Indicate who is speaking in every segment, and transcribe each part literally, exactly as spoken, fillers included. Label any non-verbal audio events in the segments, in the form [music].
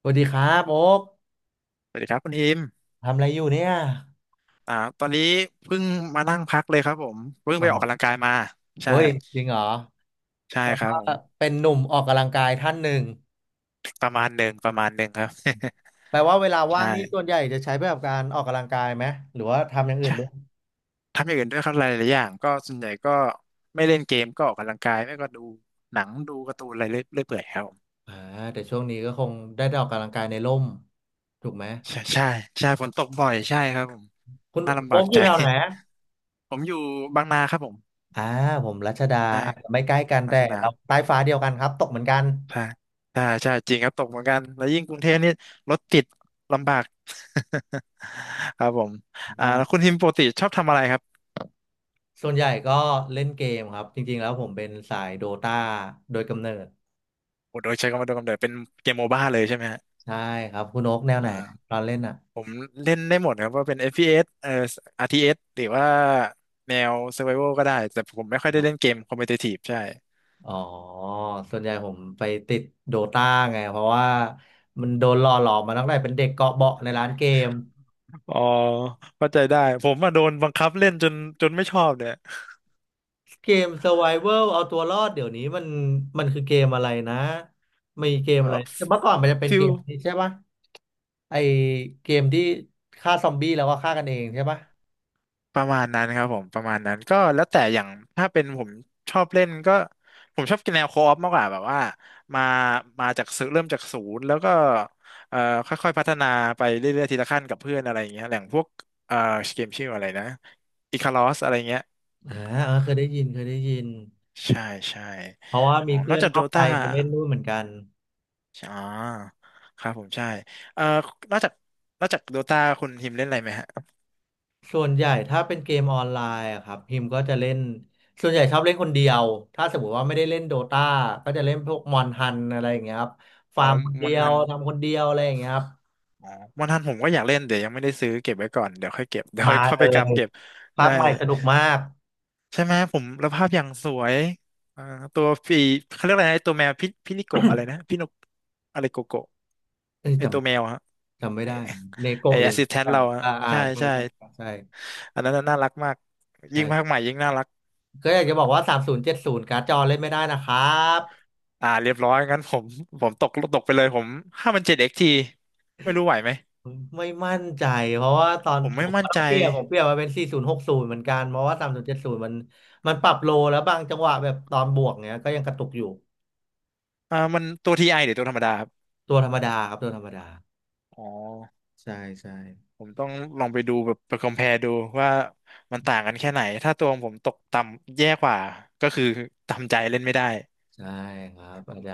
Speaker 1: สวัสดีครับโอ๊ก
Speaker 2: สวัสดีครับคุณอิม
Speaker 1: ทำอะไรอยู่เนี่ย
Speaker 2: อ่า ตอนนี้เพิ่งมานั่งพักเลยครับผมเพิ่ง
Speaker 1: อ๋
Speaker 2: ไปออกกำลัง
Speaker 1: อ
Speaker 2: กายมา
Speaker 1: โอ้
Speaker 2: ใช่
Speaker 1: ยจริงเหรอ
Speaker 2: ใช่ครับผม
Speaker 1: เป็นหนุ่มออกกำลังกายท่านหนึ่ง
Speaker 2: ประมาณหนึ่งประมาณหนึ่งครับ
Speaker 1: แปลว่าเวลา
Speaker 2: [laughs]
Speaker 1: ว่า
Speaker 2: ใช่
Speaker 1: งนี่ส่วนใหญ่จะใช้ไปกับการออกกำลังกายไหมหรือว่าทำอย่างอื่น
Speaker 2: ใช่
Speaker 1: ด้วย
Speaker 2: ทำอย่างอื่นด้วยครับหลายๆอย่างก็ส่วนใหญ่ก็ไม่เล่นเกมก็ออกกำลังกายไม่ก็ดูหนังดูการ์ตูนอะไรเรื่อยๆเปื่อยครับผม
Speaker 1: อ่าแต่ช่วงนี้ก็คงได้ได้ออกกำลังกายในร่มถูกไหม
Speaker 2: ใช่ใช่ใช่ฝนตกบ่อยใช่ครับผม
Speaker 1: คุณ
Speaker 2: น่าลำ
Speaker 1: โอ๊
Speaker 2: บาก
Speaker 1: กอ
Speaker 2: ใจ
Speaker 1: ยู่แถวไหน
Speaker 2: [laughs] ผมอยู่บางนาครับผม
Speaker 1: อ่าผมรัชดา
Speaker 2: ใช่
Speaker 1: อาจจะไม่ใกล้กัน
Speaker 2: รา
Speaker 1: แต่
Speaker 2: ชดา
Speaker 1: เราใต้ฟ้าเดียวกันครับตกเหมือนกัน
Speaker 2: ใช่ใช่ใช่ จริงครับตกเหมือนกัน แล้วยิ่งกรุงเทพนี่รถติดลำบาก [laughs] ครับผมอ่า
Speaker 1: อ่
Speaker 2: แล้ว
Speaker 1: า
Speaker 2: คุณทิมปกติชอบทำอะไรครับ
Speaker 1: ส่วนใหญ่ก็เล่นเกมครับจริงๆแล้วผมเป็นสายโดตาโดยกำเนิด
Speaker 2: โอ้โดยใช้คำว่าโดยกำเนิดเป็นเกมโมบ้าเลยใช่ไหมฮะ
Speaker 1: ใช่ครับคุณโอ๊กแนวไหนต
Speaker 2: อ่า
Speaker 1: อนเล่นอ่ะ
Speaker 2: ผมเล่นได้หมดครับว่าเป็น เอฟ พี เอส เอสเอ่อ อาร์ ที เอส หรือว่าแนว Survival ก็ได้ แต่ผมไม่ค่อยได้เล่นเกมคอม p e t i t i v e ใช่
Speaker 1: อ๋อส่วนใหญ่ผมไปติดโดตาไงเพราะว่ามันโดนหล่อหลอมมาตั้งแต่เป็นเด็กเกาะเบาะในร้านเกม
Speaker 2: อ๋อเข้าใจได้ผมมาโดนบังคับเล่นจนจนไม่ชอบเนี่ย
Speaker 1: เกม Survival เอาตัวรอดเดี๋ยวนี้มันมันคือเกมอะไรนะมีเกม
Speaker 2: ก็
Speaker 1: อะไรแต่เมื่อก่อนมันจะเป็น
Speaker 2: ฟิ
Speaker 1: เก
Speaker 2: ล
Speaker 1: มนี้ใช่ปะไอเกมที่ฆ่าซอมบี้แล้วก็ฆ่ากันเองใช่ปะ
Speaker 2: ประมาณนั้นครับผมประมาณนั้นก็แล้วแต่อย่างถ้าเป็นผมชอบเล่นก็ผมชอบกินแนวโคออฟมากกว่าแบบว่ามามาจากศูนย์เริ่มจากศูนย์แล้วก็เอ่อค่อยๆพัฒนาไปเรื่อยๆทีละขั้นกับเพื่อนอะไรอย่างเงี้ยอย่างพวกเอ่อเกมชื่ออะไรนะอิคารอสอะไรเงี้ย
Speaker 1: อ่าเออเคยได้ยินเคยได้ยิน
Speaker 2: ใช่ใช่
Speaker 1: เพราะว่า
Speaker 2: อ๋อ
Speaker 1: มี
Speaker 2: นอ
Speaker 1: เพื่
Speaker 2: ก
Speaker 1: อน
Speaker 2: จาก
Speaker 1: น
Speaker 2: โด
Speaker 1: อกใจ
Speaker 2: ตา
Speaker 1: ไปเล่นด้วยเหมือนกัน
Speaker 2: อ๋อครับผมใช่เอ่อนอกจากนอกจากโดตาคุณทีมเล่นอะไรไหมฮะ
Speaker 1: ส่วนใหญ่ถ้าเป็นเกมออนไลน์อะครับพิมก็จะเล่นส่วนใหญ่ชอบเล่นคนเดียวถ้าสมมติว่าไม่ได้เล่นโดตาก็จะเล่นพวกมอนทันอะไรอย่างเงี้ยครับ
Speaker 2: อ๋
Speaker 1: ฟา
Speaker 2: อ
Speaker 1: ร์มคนเดี
Speaker 2: วัน
Speaker 1: ย
Speaker 2: ทั
Speaker 1: ว
Speaker 2: น
Speaker 1: ทำคนเดียวอะไรอย่างเงี้ยครับ
Speaker 2: อ๋อวันทันผมก็อยากเล่นเดี๋ยวยังไม่ได้ซื้อเก็บไว้ก่อนเดี๋ยวค่อยเก็บเดี๋ยว
Speaker 1: มา
Speaker 2: ค่อย
Speaker 1: เล
Speaker 2: เไป
Speaker 1: ย
Speaker 2: กำเก็บ
Speaker 1: ภา
Speaker 2: ใช่
Speaker 1: คใหม่สนุกมาก
Speaker 2: ใช่ไหมผมแล้วภาพอย่างสวยอ่าตัวปีเขาเรียกอะไรนะไอตัวแมวพิพินิโกะอะไรนะพินกอะไรโกโกะ
Speaker 1: เอ้ย
Speaker 2: ไอ
Speaker 1: จ
Speaker 2: ตัวแมวฮะ
Speaker 1: ำจำไม่
Speaker 2: ไอ
Speaker 1: ได้เน
Speaker 2: ไอ
Speaker 1: โกะหรื
Speaker 2: แอ
Speaker 1: อ
Speaker 2: ส
Speaker 1: อะไร
Speaker 2: ซิสแท
Speaker 1: สักอ
Speaker 2: น
Speaker 1: ย่าง
Speaker 2: เราอะ
Speaker 1: อ่าอ่า
Speaker 2: ใช่
Speaker 1: ใช่
Speaker 2: ใช่
Speaker 1: ใช่ใช่
Speaker 2: อันนั้นน่ะน่ารักมาก
Speaker 1: ใช่
Speaker 2: ยิ่งภาคใหม่ยิ่งน่ารัก
Speaker 1: ก็อยากจะบอกว่าสามศูนย์เจ็ดศูนย์การ์ดจอเล่นไม่ได้นะครับ
Speaker 2: อ่าเรียบร้อยงั้นผมผมตกตกไปเลยผมห้ามันเจ็ดเอ็กทีไม่รู้ไหวไหม
Speaker 1: ไม่มั่นใจเพราะว่าตอน
Speaker 2: ผม
Speaker 1: ผ
Speaker 2: ไม่
Speaker 1: ม
Speaker 2: มั่
Speaker 1: ก็
Speaker 2: น
Speaker 1: ต้อ
Speaker 2: ใจ
Speaker 1: งเปลี่ยนผมเปลี่ยนมาเป็น โฟร์ศูนย์หกศูนย์ เหมือนกันเพราะว่าสามศูนย์เจ็ดศูนย์มสิบเจ็ดสิบมันมันปรับโลแล้วบางจังหวะแบบตอนบวกเนี้ยก็ยังกระตุกอยู่
Speaker 2: อ่ามันตัวทีไอหรือตัวธรรมดาครับ
Speaker 1: ตัวธรรมดาครับตัวธรรมดา
Speaker 2: อ๋อ
Speaker 1: ใช่ใช่
Speaker 2: ผมต้องลองไปดูแบบไป compare ดูว่ามันต่างกันแค่ไหนถ้าตัวของผมตกต่ำแย่กว่าก็คือทำใจเล่นไม่ได้
Speaker 1: ใช่ครับอาจจะ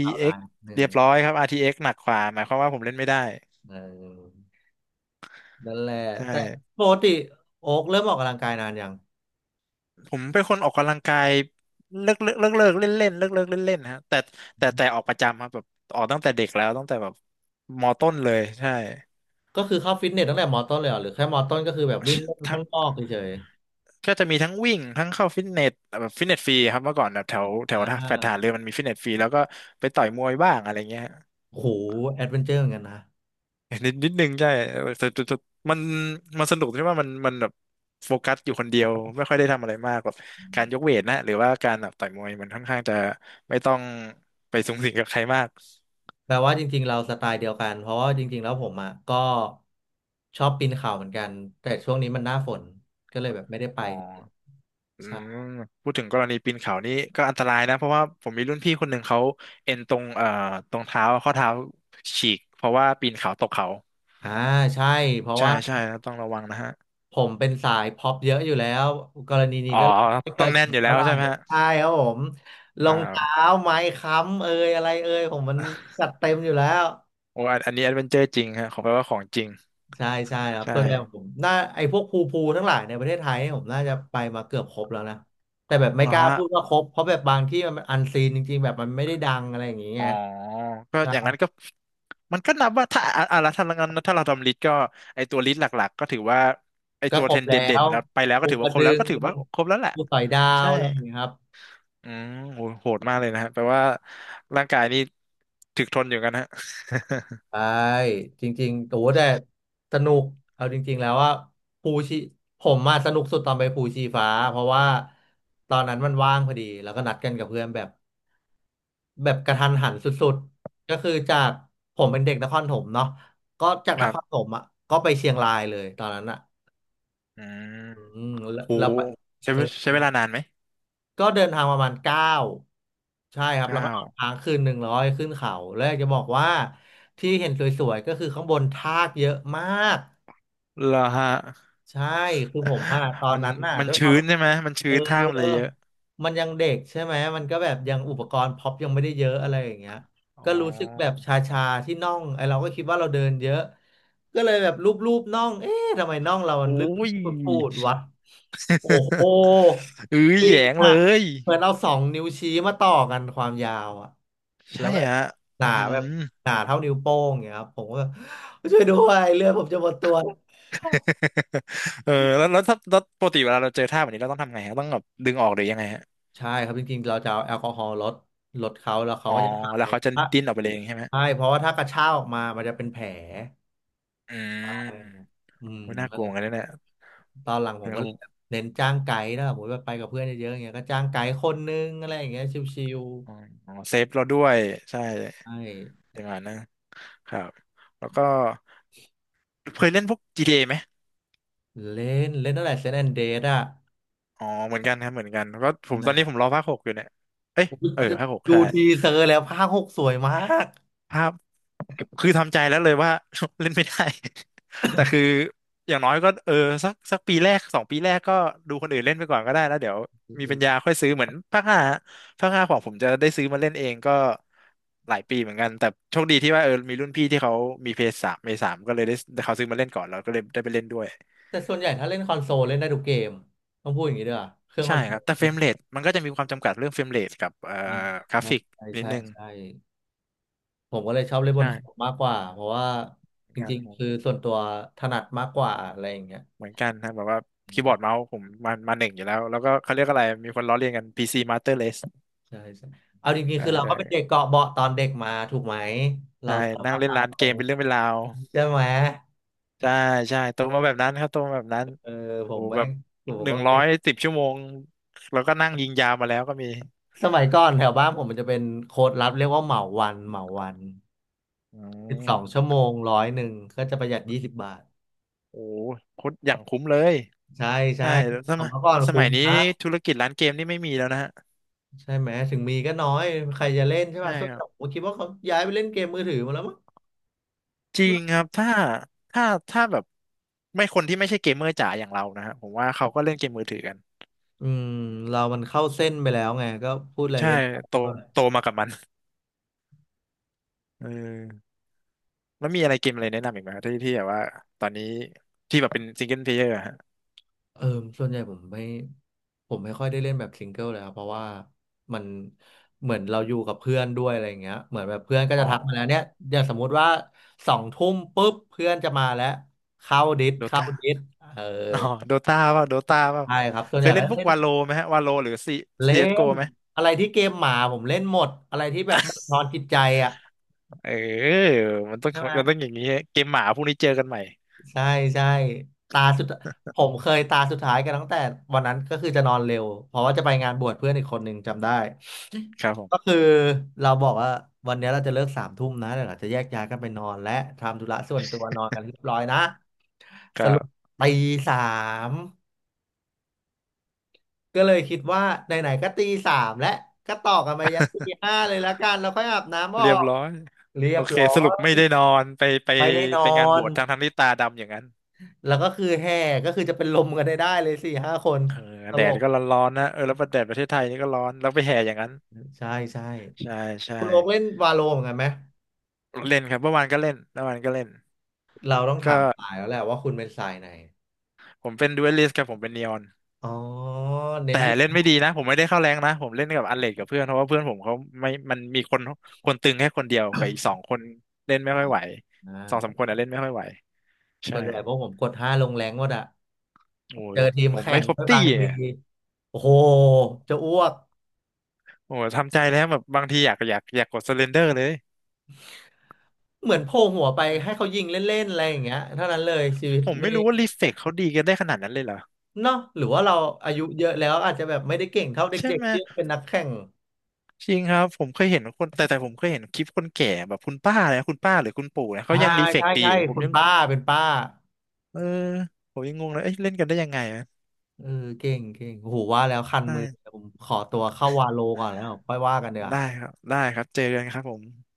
Speaker 1: ข่าลาย นดนึ
Speaker 2: เอ็กซ์
Speaker 1: ง
Speaker 2: เรียบร้อยครับ อาร์ ที เอ็กซ์ หนักกว่าหมายความว่าผมเล่นไม่ได้
Speaker 1: เออนั่นแหละ
Speaker 2: ใช่
Speaker 1: แต่ปกติโอ๊กเริ่มออกกำลังกายนานยัง
Speaker 2: ผมเป็นคนออกกำลังกายเลิกเลิกเลิกเลิกเล่นเล่นเลิกเลิกเล่นเล่นฮะแต่แต่แต่ออกประจำครับแบบออกตั้งแต่เด็กแล้วตั้งแต่แบบมต้นเลยใช่
Speaker 1: ก็คือเข้าฟิตเนสตั้งแต่มอต้นเลยเหรอหรือแค่มอต้นก็คือแบบวิ่งเล่นข้างนอ
Speaker 2: [laughs]
Speaker 1: กเฉย
Speaker 2: ก็จะมีทั้งวิ่งทั้งเข้าฟิตเนสแบบฟิตเนสฟรีครับเมื่อก่อนแบบแถว
Speaker 1: ๆ
Speaker 2: แถว
Speaker 1: อ่า
Speaker 2: ท่าแฟลตทหารเรือมันมีฟิตเนสฟรีแล้วก็ไปต่อยมวยบ้างอะไรเงี้ย
Speaker 1: โหแอดเวนเจอร์เหมือนกันนะ
Speaker 2: นิดนิดนึงใช่แต่แต่แต่มันมันสนุกที่ว่ามันมันแบบโฟกัสอยู่คนเดียวไม่ค่อยได้ทำอะไรมากแบบการยกเวทนะหรือว่าการแบบต่อยมวยมันค่อนข้างจะไม่ต้องไปสุงสิงกับใครมาก
Speaker 1: แปลว่าจริงๆเราสไตล์เดียวกันเพราะว่าจริงๆแล้วผมอ่ะก็ชอบปีนเขาเหมือนกันแต่ช่วงนี้มันหน้าฝนก็เลยแบบไม่ได้ไป
Speaker 2: อ๋ออื
Speaker 1: ใช่
Speaker 2: มพูดถึงกรณีปีนเขานี่ก็อันตรายนะเพราะว่าผมมีรุ่นพี่คนหนึ่งเขาเอ็นตรงเอ่อตรงเท้าข้อเท้าฉีกเพราะว่าปีนเขาตกเขา
Speaker 1: อ่าใช่เพราะ
Speaker 2: ใช่
Speaker 1: ว่า
Speaker 2: ใช่ครับต้องระวังนะฮะ
Speaker 1: ผมเป็นสายพ็อปเยอะอยู่แล้วกรณีนี้
Speaker 2: อ๋อ
Speaker 1: ก็ไม่
Speaker 2: ต้
Speaker 1: เกิ
Speaker 2: อง
Speaker 1: ดกับ
Speaker 2: แน่น
Speaker 1: ผ
Speaker 2: อ
Speaker 1: ม
Speaker 2: ยู่แล้
Speaker 1: เท่า
Speaker 2: ว
Speaker 1: ไหร่
Speaker 2: ใช่ไหมฮะ
Speaker 1: ใช่ครับผมรอ
Speaker 2: อ่
Speaker 1: งเท้า
Speaker 2: า
Speaker 1: ไม้ค้ำเอยอะไรเอยผมมันจัดเต็มอยู่แล้ว
Speaker 2: โอ้อันอันนี้แอดเวนเจอร์จริงฮะขอแปลว่าของจริง
Speaker 1: ใช่ใช่ครั
Speaker 2: ใ
Speaker 1: บส่วนใหญ่
Speaker 2: ช่
Speaker 1: ผมน่าไอ้พวกภูภูทั้งหลายในประเทศไทยเนี่ยผมน่าจะไปมาเกือบครบแล้วนะแต่แบบไม่
Speaker 2: เหรอ
Speaker 1: กล้า
Speaker 2: ฮะ
Speaker 1: พูดว่าครบเพราะแบบบางที่มันอันซีนจริงๆแบบมันไม่ได้ดังอะไรอย่างเงี้ย
Speaker 2: อ๋อก็อย่างนั้
Speaker 1: ก็
Speaker 2: นก็มันก็นับว่าถ้าอ่ะอ่ะแล้วถ้างั้นถ้าเราทำลิสต์ก็ไอตัวลิสต์หลักๆก็ถือว่าไอ
Speaker 1: ก็
Speaker 2: ตัว
Speaker 1: คร
Speaker 2: เทร
Speaker 1: บ
Speaker 2: น
Speaker 1: แล้
Speaker 2: เด่น
Speaker 1: ว
Speaker 2: แล้วไปแล้วก็
Speaker 1: ภู
Speaker 2: ถือ
Speaker 1: ก
Speaker 2: ว่า
Speaker 1: ระ
Speaker 2: ครบ
Speaker 1: ดึ
Speaker 2: แล้ว
Speaker 1: ง
Speaker 2: ก็ถือว่าครบแล้วแหละ
Speaker 1: ภูสอยดาว
Speaker 2: ใช่
Speaker 1: อะไรอย่างเงี้ยครับ
Speaker 2: อืมโหโหดมากเลยนะฮะแปลว่าร่างกายนี่ถึกทนอยู่กันฮะ
Speaker 1: ใช่จริงๆโอ้แต่สนุกเอาจริงๆแล้วว่าภูชีผมมาสนุกสุดตอนไปภูชีฟ้าเพราะว่าตอนนั้นมันว่างพอดีแล้วก็นัดกันกับเพื่อนแบบ แบบกระทันหันสุดๆ ก็คือจากผมเป็นเด็กนครถมเนาะก็จาก
Speaker 2: [laughs] ค
Speaker 1: น
Speaker 2: รั
Speaker 1: ค
Speaker 2: บ
Speaker 1: รถมอ่ะก็ไปเชียงรายเลยตอนนั้นอ่ะ
Speaker 2: อืม
Speaker 1: อืมแล้ว
Speaker 2: โห
Speaker 1: แล้วไป
Speaker 2: ใช้
Speaker 1: เอ
Speaker 2: เว
Speaker 1: อ
Speaker 2: ใช้เวลานานไหม
Speaker 1: ก็เดินทางประมาณเก้าใช่ครับแล้วก็
Speaker 2: เก้า
Speaker 1: นอนค้างคืนหนึ่งร้อยขึ้นเขาแล้วอยากจะบอกว่าที่เห็นสวยๆก็คือข้างบนทากเยอะมาก
Speaker 2: เหรอฮะ
Speaker 1: ใช่คือผมอะตอ
Speaker 2: [laughs]
Speaker 1: น
Speaker 2: มัน
Speaker 1: นั้นน่ะ
Speaker 2: มัน
Speaker 1: ด้วยความ
Speaker 2: ชื้นใช่ไหมมัน
Speaker 1: เอ
Speaker 2: ชื้
Speaker 1: อ
Speaker 2: นท่ามันเลยเยอะ
Speaker 1: มันยังเด็กใช่ไหมมันก็แบบยังอุปกรณ์พ็อปยังไม่ได้เยอะอะไรอย่างเงี้ย
Speaker 2: อ๋อ
Speaker 1: ก็รู้สึกแบบชาๆที่น่องไอเราก็คิดว่าเราเดินเยอะก็เลยแบบลูบๆน่องเอ๊ะทำไมน่องเรามัน
Speaker 2: โอ้
Speaker 1: ลึก
Speaker 2: ย
Speaker 1: ปูดๆวะโอ้โห
Speaker 2: [laughs] อื้อ
Speaker 1: จ
Speaker 2: แห
Speaker 1: ริ
Speaker 2: ย
Speaker 1: ง
Speaker 2: งเล
Speaker 1: อะ
Speaker 2: ย
Speaker 1: เหมือนเอาสองนิ้วชี้มาต่อกันความยาวอะแล้
Speaker 2: ใช่
Speaker 1: วแบบ
Speaker 2: ฮะ
Speaker 1: ห
Speaker 2: อื
Speaker 1: นาแบบ
Speaker 2: ม [laughs]
Speaker 1: หนาเท่านิ้วโป้งอย่างเงี้ยครับผมก็แบบช่วยด้วยเลือดผมจะหมดตัว
Speaker 2: เออแล้วแล้วถ้าแล้วปกติเวลาเราเจอท่าแบบนี้เราต้องทำไงฮะต้องแบบดึงออกหรือยังไงฮะ
Speaker 1: ใช่ครับจริงๆ เราจะเอาแอลกอฮอล์ลดลดเขาแล้วเขา
Speaker 2: อ๋อ
Speaker 1: ก็จะหา
Speaker 2: แล้ว
Speaker 1: ย
Speaker 2: เขาจะ
Speaker 1: ถ้า
Speaker 2: ดิ้นออกไปเลยเองใช่ไหม
Speaker 1: ใช่เพราะว่าถ้ากระชากออกมา มันจะเป็นแผล
Speaker 2: อื
Speaker 1: อื
Speaker 2: ม
Speaker 1: มอืม
Speaker 2: อุ๊น่าก
Speaker 1: ก็
Speaker 2: ลัว
Speaker 1: เล
Speaker 2: เห
Speaker 1: ย
Speaker 2: มือนกันนะเนี่ย
Speaker 1: ตอนหลังผมก็
Speaker 2: เขา
Speaker 1: เล
Speaker 2: บ
Speaker 1: ย
Speaker 2: อก
Speaker 1: เน้นจ้างไกด์นะผมติว่าไปกับเพื่อนเยอะๆอย่างเงี้ยก็จ้างไกด์คนนึงอะไรอย่างเงี้ยชิว
Speaker 2: อ๋ออ๋อเซฟเราด้วยใช่
Speaker 1: ๆใช่
Speaker 2: อย่างนั้นนะครับแล้วก็เคยเล่นพวกจีทีเ a ไหม
Speaker 1: เล่นเล่นตั้งแต่เซนแอนเดดอ่ะ
Speaker 2: อ๋อเหมือนกันครับเหมือนกันก็ผม
Speaker 1: แห
Speaker 2: ตอนนี้ผ
Speaker 1: ม
Speaker 2: มรอภาคหกอยู่เนี่ยเอ้ยเออภาคหก
Speaker 1: ดู
Speaker 2: ใช่
Speaker 1: ทีเซอร์แล้วภาคหกสวยมาก
Speaker 2: ภาพคือทำใจแล้วเลยว่า [laughs] เล่นไม่ได้ [laughs] แต่คืออย่างน้อยก็เออสักสักปีแรกสองปีแรกก็ดูคนอื่นเล่นไปก่อนก็ได้แล้วเดี๋ยวมีปัญญา
Speaker 1: เออ
Speaker 2: ค่อยซื้อเหมือนภาคห้าฮะภาคห้าของผมจะได้ซื้อมาเล่นเองก็หลายปีเหมือนกันแต่โชคดีที่ว่าเออมีรุ่นพี่ที่เขามีเพย์สามเพย์สามก็เลยได้เขาซื้อมาเล่นก่อนแล้วก็เลยได้ไปเล่นด้วย
Speaker 1: แต่ส่วนใหญ่ถ้าเล่นคอนโซลเล่นได้ทุกเกมต้องพูดอย่างนี้ด้วยอะเครื่องค
Speaker 2: ใช่
Speaker 1: อนโซ
Speaker 2: ค
Speaker 1: ล
Speaker 2: รับแต่เฟรมเรทมันก็จะมีความจำกัดเรื่องเฟรมเรทกับเอ่อ
Speaker 1: อ่า
Speaker 2: กราฟิก
Speaker 1: ใช่
Speaker 2: นิด
Speaker 1: ใช่
Speaker 2: นึง
Speaker 1: ใช่ ผมก็เลยชอบเล่นบนคอม
Speaker 2: ใช่
Speaker 1: มากกว่าเพราะว่า
Speaker 2: เหมื
Speaker 1: จ
Speaker 2: อนกัน
Speaker 1: ริง
Speaker 2: ผ
Speaker 1: ๆ
Speaker 2: ม
Speaker 1: คือส่วนตัวถนัดมากกว่าอะไรอย่างเงี้ย
Speaker 2: เหมือนกันครับแบบว่า
Speaker 1: อื
Speaker 2: คีย์บอร์ด
Speaker 1: ม
Speaker 2: เมาส์ผมมามาหนึ่งอยู่แล้วแล้วก็เขาเรียกอะไรมีคนล้อเลียนกัน พี ซี Master Race
Speaker 1: ใช่ใช่เอาจริง
Speaker 2: เออ
Speaker 1: ๆคือเรา
Speaker 2: เอ
Speaker 1: ก็เป็น
Speaker 2: อ
Speaker 1: เด็กเกาะเบาะตอนเด็กมาถูกไหมเรา
Speaker 2: ใช่
Speaker 1: สาร
Speaker 2: นั่ง
Speaker 1: ภาพ
Speaker 2: เล่น
Speaker 1: ตาม
Speaker 2: ร้าน
Speaker 1: ตร
Speaker 2: เก
Speaker 1: ง
Speaker 2: มเป็นเรื่องเป็นราว
Speaker 1: ใช่ไหม
Speaker 2: ใช่ใช่โตมาแบบนั้นครับโตมาแบบนั้น
Speaker 1: เออผ
Speaker 2: โอ้
Speaker 1: ม
Speaker 2: โห
Speaker 1: แม่
Speaker 2: แบบ
Speaker 1: งผ
Speaker 2: ห
Speaker 1: ม
Speaker 2: นึ่
Speaker 1: ก็
Speaker 2: งร้
Speaker 1: เป็
Speaker 2: อย
Speaker 1: น
Speaker 2: สิบชั่วโมงแล้วก็นั่งยิงยาวมาแล้วก็มี
Speaker 1: สมัยก่อนแถวบ้านผมมันจะเป็นโค้ดลับเรียกว่าเหมาวันเหมาวัน
Speaker 2: อื
Speaker 1: สิบสองชั่
Speaker 2: ม
Speaker 1: วโมงร้อยหนึ่งก็จะประหยัดยี่สิบบาท
Speaker 2: โอ้โหโคตรอย่างคุ้มเลย
Speaker 1: ใช่ใช่
Speaker 2: ใช่แล้วส
Speaker 1: ส
Speaker 2: มัย
Speaker 1: มัยก่อน
Speaker 2: ส
Speaker 1: คุ้
Speaker 2: มัย
Speaker 1: ม
Speaker 2: นี้
Speaker 1: นะ
Speaker 2: ธุรกิจร้านเกมนี่ไม่มีแล้วนะฮะ
Speaker 1: ใช่ไหมถึงมีก็น้อยใครจะเล่นใช่
Speaker 2: ใช่
Speaker 1: ป่ะส่ว
Speaker 2: ค
Speaker 1: นให
Speaker 2: รั
Speaker 1: ญ่
Speaker 2: บ
Speaker 1: ผมคิดว่าเขาย้ายไปเล่นเกมมือถือมาแล้วมั้ง
Speaker 2: จริงครับถ้าถ้าถ้าแบบไม่คนที่ไม่ใช่เกมเมอร์จ๋าอย่างเรานะฮะผมว่าเขาก็เล่นเกมมือถือกัน
Speaker 1: อืมเรามันเข้าเส้นไปแล้วไงก็พูดอะไร
Speaker 2: ใช่
Speaker 1: ไม่ได้
Speaker 2: โต
Speaker 1: ก็
Speaker 2: โตมากับมันเออแล้วมีอะไรเกมอะไรแนะนำอีกไหมครับที่ที่แบบว่าตอนนี้ที่แบบเป็นซิงเกิลเพลเยอร์ฮะ
Speaker 1: เออส่วนใหญ่ผมไม่ผมไม่ค่อยได้เล่นแบบซิงเกิลเลยครับเพราะว่ามันเหมือนเราอยู่กับเพื่อนด้วยอะไรอย่างเงี้ยเหมือนแบบเพื่อนก็
Speaker 2: อ๋
Speaker 1: จะ
Speaker 2: อ
Speaker 1: ทักมาแล้วเนี่ยอย่างสมมุติว่าสองทุ่มปุ๊บเพื่อนจะมาแล้วเข้าดิส
Speaker 2: โด
Speaker 1: เข้า
Speaker 2: ตา
Speaker 1: ดิสเออ
Speaker 2: อ๋อโดตาเปล่าโดตาเปล่า
Speaker 1: ใช่ครับส่วน
Speaker 2: เค
Speaker 1: ใหญ่
Speaker 2: ยเล่
Speaker 1: ก็
Speaker 2: นพวก
Speaker 1: เล่น
Speaker 2: วาโลไหมฮะวาโลหรือซี
Speaker 1: เล่
Speaker 2: ซีเอสโก
Speaker 1: น
Speaker 2: ไหม
Speaker 1: อะไรที่เกมหมาผมเล่นหมดอะไรที่แบบบั่นทอนจิตใจอ่ะ
Speaker 2: เออมันต้อง
Speaker 1: ใช่ไหม
Speaker 2: มันต้องอย่างนี้ฮะเกมหมาพวกนี้เจอกันใหม่
Speaker 1: ใช่ใช่ตาสุดผมเคยตาสุดท้ายกันตั้งแต่วันนั้นก็คือจะนอนเร็วเพราะว่าจะไปงานบวชเพื่อนอีกคนหนึ่งจำได้
Speaker 2: ครับผ
Speaker 1: ก็
Speaker 2: ม
Speaker 1: คือเราบอกว่าวันนี้เราจะเลิกสามทุ่มนะเดี๋ยวเราจะแยกย้ายกันไปนอนและทำธุระส่วนตัวนอนกันเรียบร้อยนะส
Speaker 2: ก็
Speaker 1: รุปตีสามก็เลยคิดว่าไหนๆก็ตีสามและก็ต่อกันไปยันตีห้าเลยละกันแล้วค่อยอาบน้ำออ
Speaker 2: เรียบ
Speaker 1: ก
Speaker 2: ร้อย
Speaker 1: เรีย
Speaker 2: โอ
Speaker 1: บ
Speaker 2: เค
Speaker 1: ร้อ
Speaker 2: สรุป
Speaker 1: ย
Speaker 2: ไม่ได้นอนไปไป
Speaker 1: ไม่ได้น
Speaker 2: ไป
Speaker 1: อ
Speaker 2: งานบ
Speaker 1: น
Speaker 2: วชทั้งทั้งที่ตาดำอย่างนั้น
Speaker 1: แล้วก็คือแห่ก็คือจะเป็นลมกันได้ได้เลยสี่ห้าคน
Speaker 2: เออ
Speaker 1: ต
Speaker 2: แด
Speaker 1: ล
Speaker 2: ด
Speaker 1: ก
Speaker 2: ก็ร้อนๆนะเออแล้วประเทศประเทศไทยนี่ก็ร้อนแล้วไปแห่อย่างนั้น
Speaker 1: ใช่ใช่
Speaker 2: ใช่ใช่
Speaker 1: คุณโอ๊กเล่นวาโลเหมือนกันไหม
Speaker 2: เล่นครับเมื่อวานก็เล่นเมื่อวานก็เล่น
Speaker 1: เราต้องถา
Speaker 2: ก็
Speaker 1: มสายแล้วแหละว่าคุณเป็นสายไหน
Speaker 2: ผมเป็นดูเอลิสกับผมเป็นนีออน
Speaker 1: อ๋อเน้น
Speaker 2: แต่
Speaker 1: อยู่
Speaker 2: เล่นไม่ดีนะผมไม่ได้เข้าแรงนะผมเล่นกับอันเลดกับเพื่อนเพราะว่าเพื่อนผมเขาไม่มันมีคนคนตึงแค่คนเดียวกับอีกสองคนเล่นไม่ค่อยไหว
Speaker 1: อ่า
Speaker 2: สองสามคนอะเล่นไม่ค่อยไหว
Speaker 1: ส่
Speaker 2: ใช่
Speaker 1: วนใหญ่พวกผมกดห้าลงแรงหมดอะ
Speaker 2: โอ้
Speaker 1: เจ
Speaker 2: ย
Speaker 1: อทีม
Speaker 2: ผม
Speaker 1: แข่
Speaker 2: ไม่
Speaker 1: ง
Speaker 2: ครบ
Speaker 1: ด้วย
Speaker 2: ตี้
Speaker 1: บางที
Speaker 2: อะ
Speaker 1: โอ้โหจะอ้วก
Speaker 2: โอ้ยทำใจแล้วแบบบางทีอยากอยากอยากกดสเลนเดอร์เลย
Speaker 1: เหมือนโผล่หัวไปให้เขายิงเล่นๆอะไรอย่างเงี้ยเท่านั้นเลยชีวิต
Speaker 2: ผม
Speaker 1: ไม่
Speaker 2: ไม่รู้ว่ารีเฟกเขาดีกันได้ขนาดนั้นเลยเหรอ
Speaker 1: เนาะหรือว่าเราอายุเยอะแล้วอาจจะแบบไม่ได้เก่งเท่า
Speaker 2: ใช่
Speaker 1: เด็ก
Speaker 2: ไหม
Speaker 1: ๆที่เป็นนักแข่ง
Speaker 2: จริงครับผมเคยเห็นคนแต่แต่ผมเคยเห็นคลิปคนแก่แบบคุณป้าเลยนะคุณป้าหรือคุณปู่นะเขา
Speaker 1: อ่า
Speaker 2: ยังรีเฟก
Speaker 1: ใช่
Speaker 2: ดี
Speaker 1: ใช่
Speaker 2: แต่ผม
Speaker 1: คุณ
Speaker 2: ยัง
Speaker 1: ป้าเป็นป้า
Speaker 2: เออผมยังงงเลย เอ้ยเล่นกันได้ยังไงอะ
Speaker 1: เออเก่งเก่งโอ้โหว่าแล้วคันมือ
Speaker 2: ได้
Speaker 1: ผมขอตัวเข้าวาโลก่อนแล้วค่อยว่ากันเดี๋ยว
Speaker 2: ได้ครับได้ครับเจอกันครับผม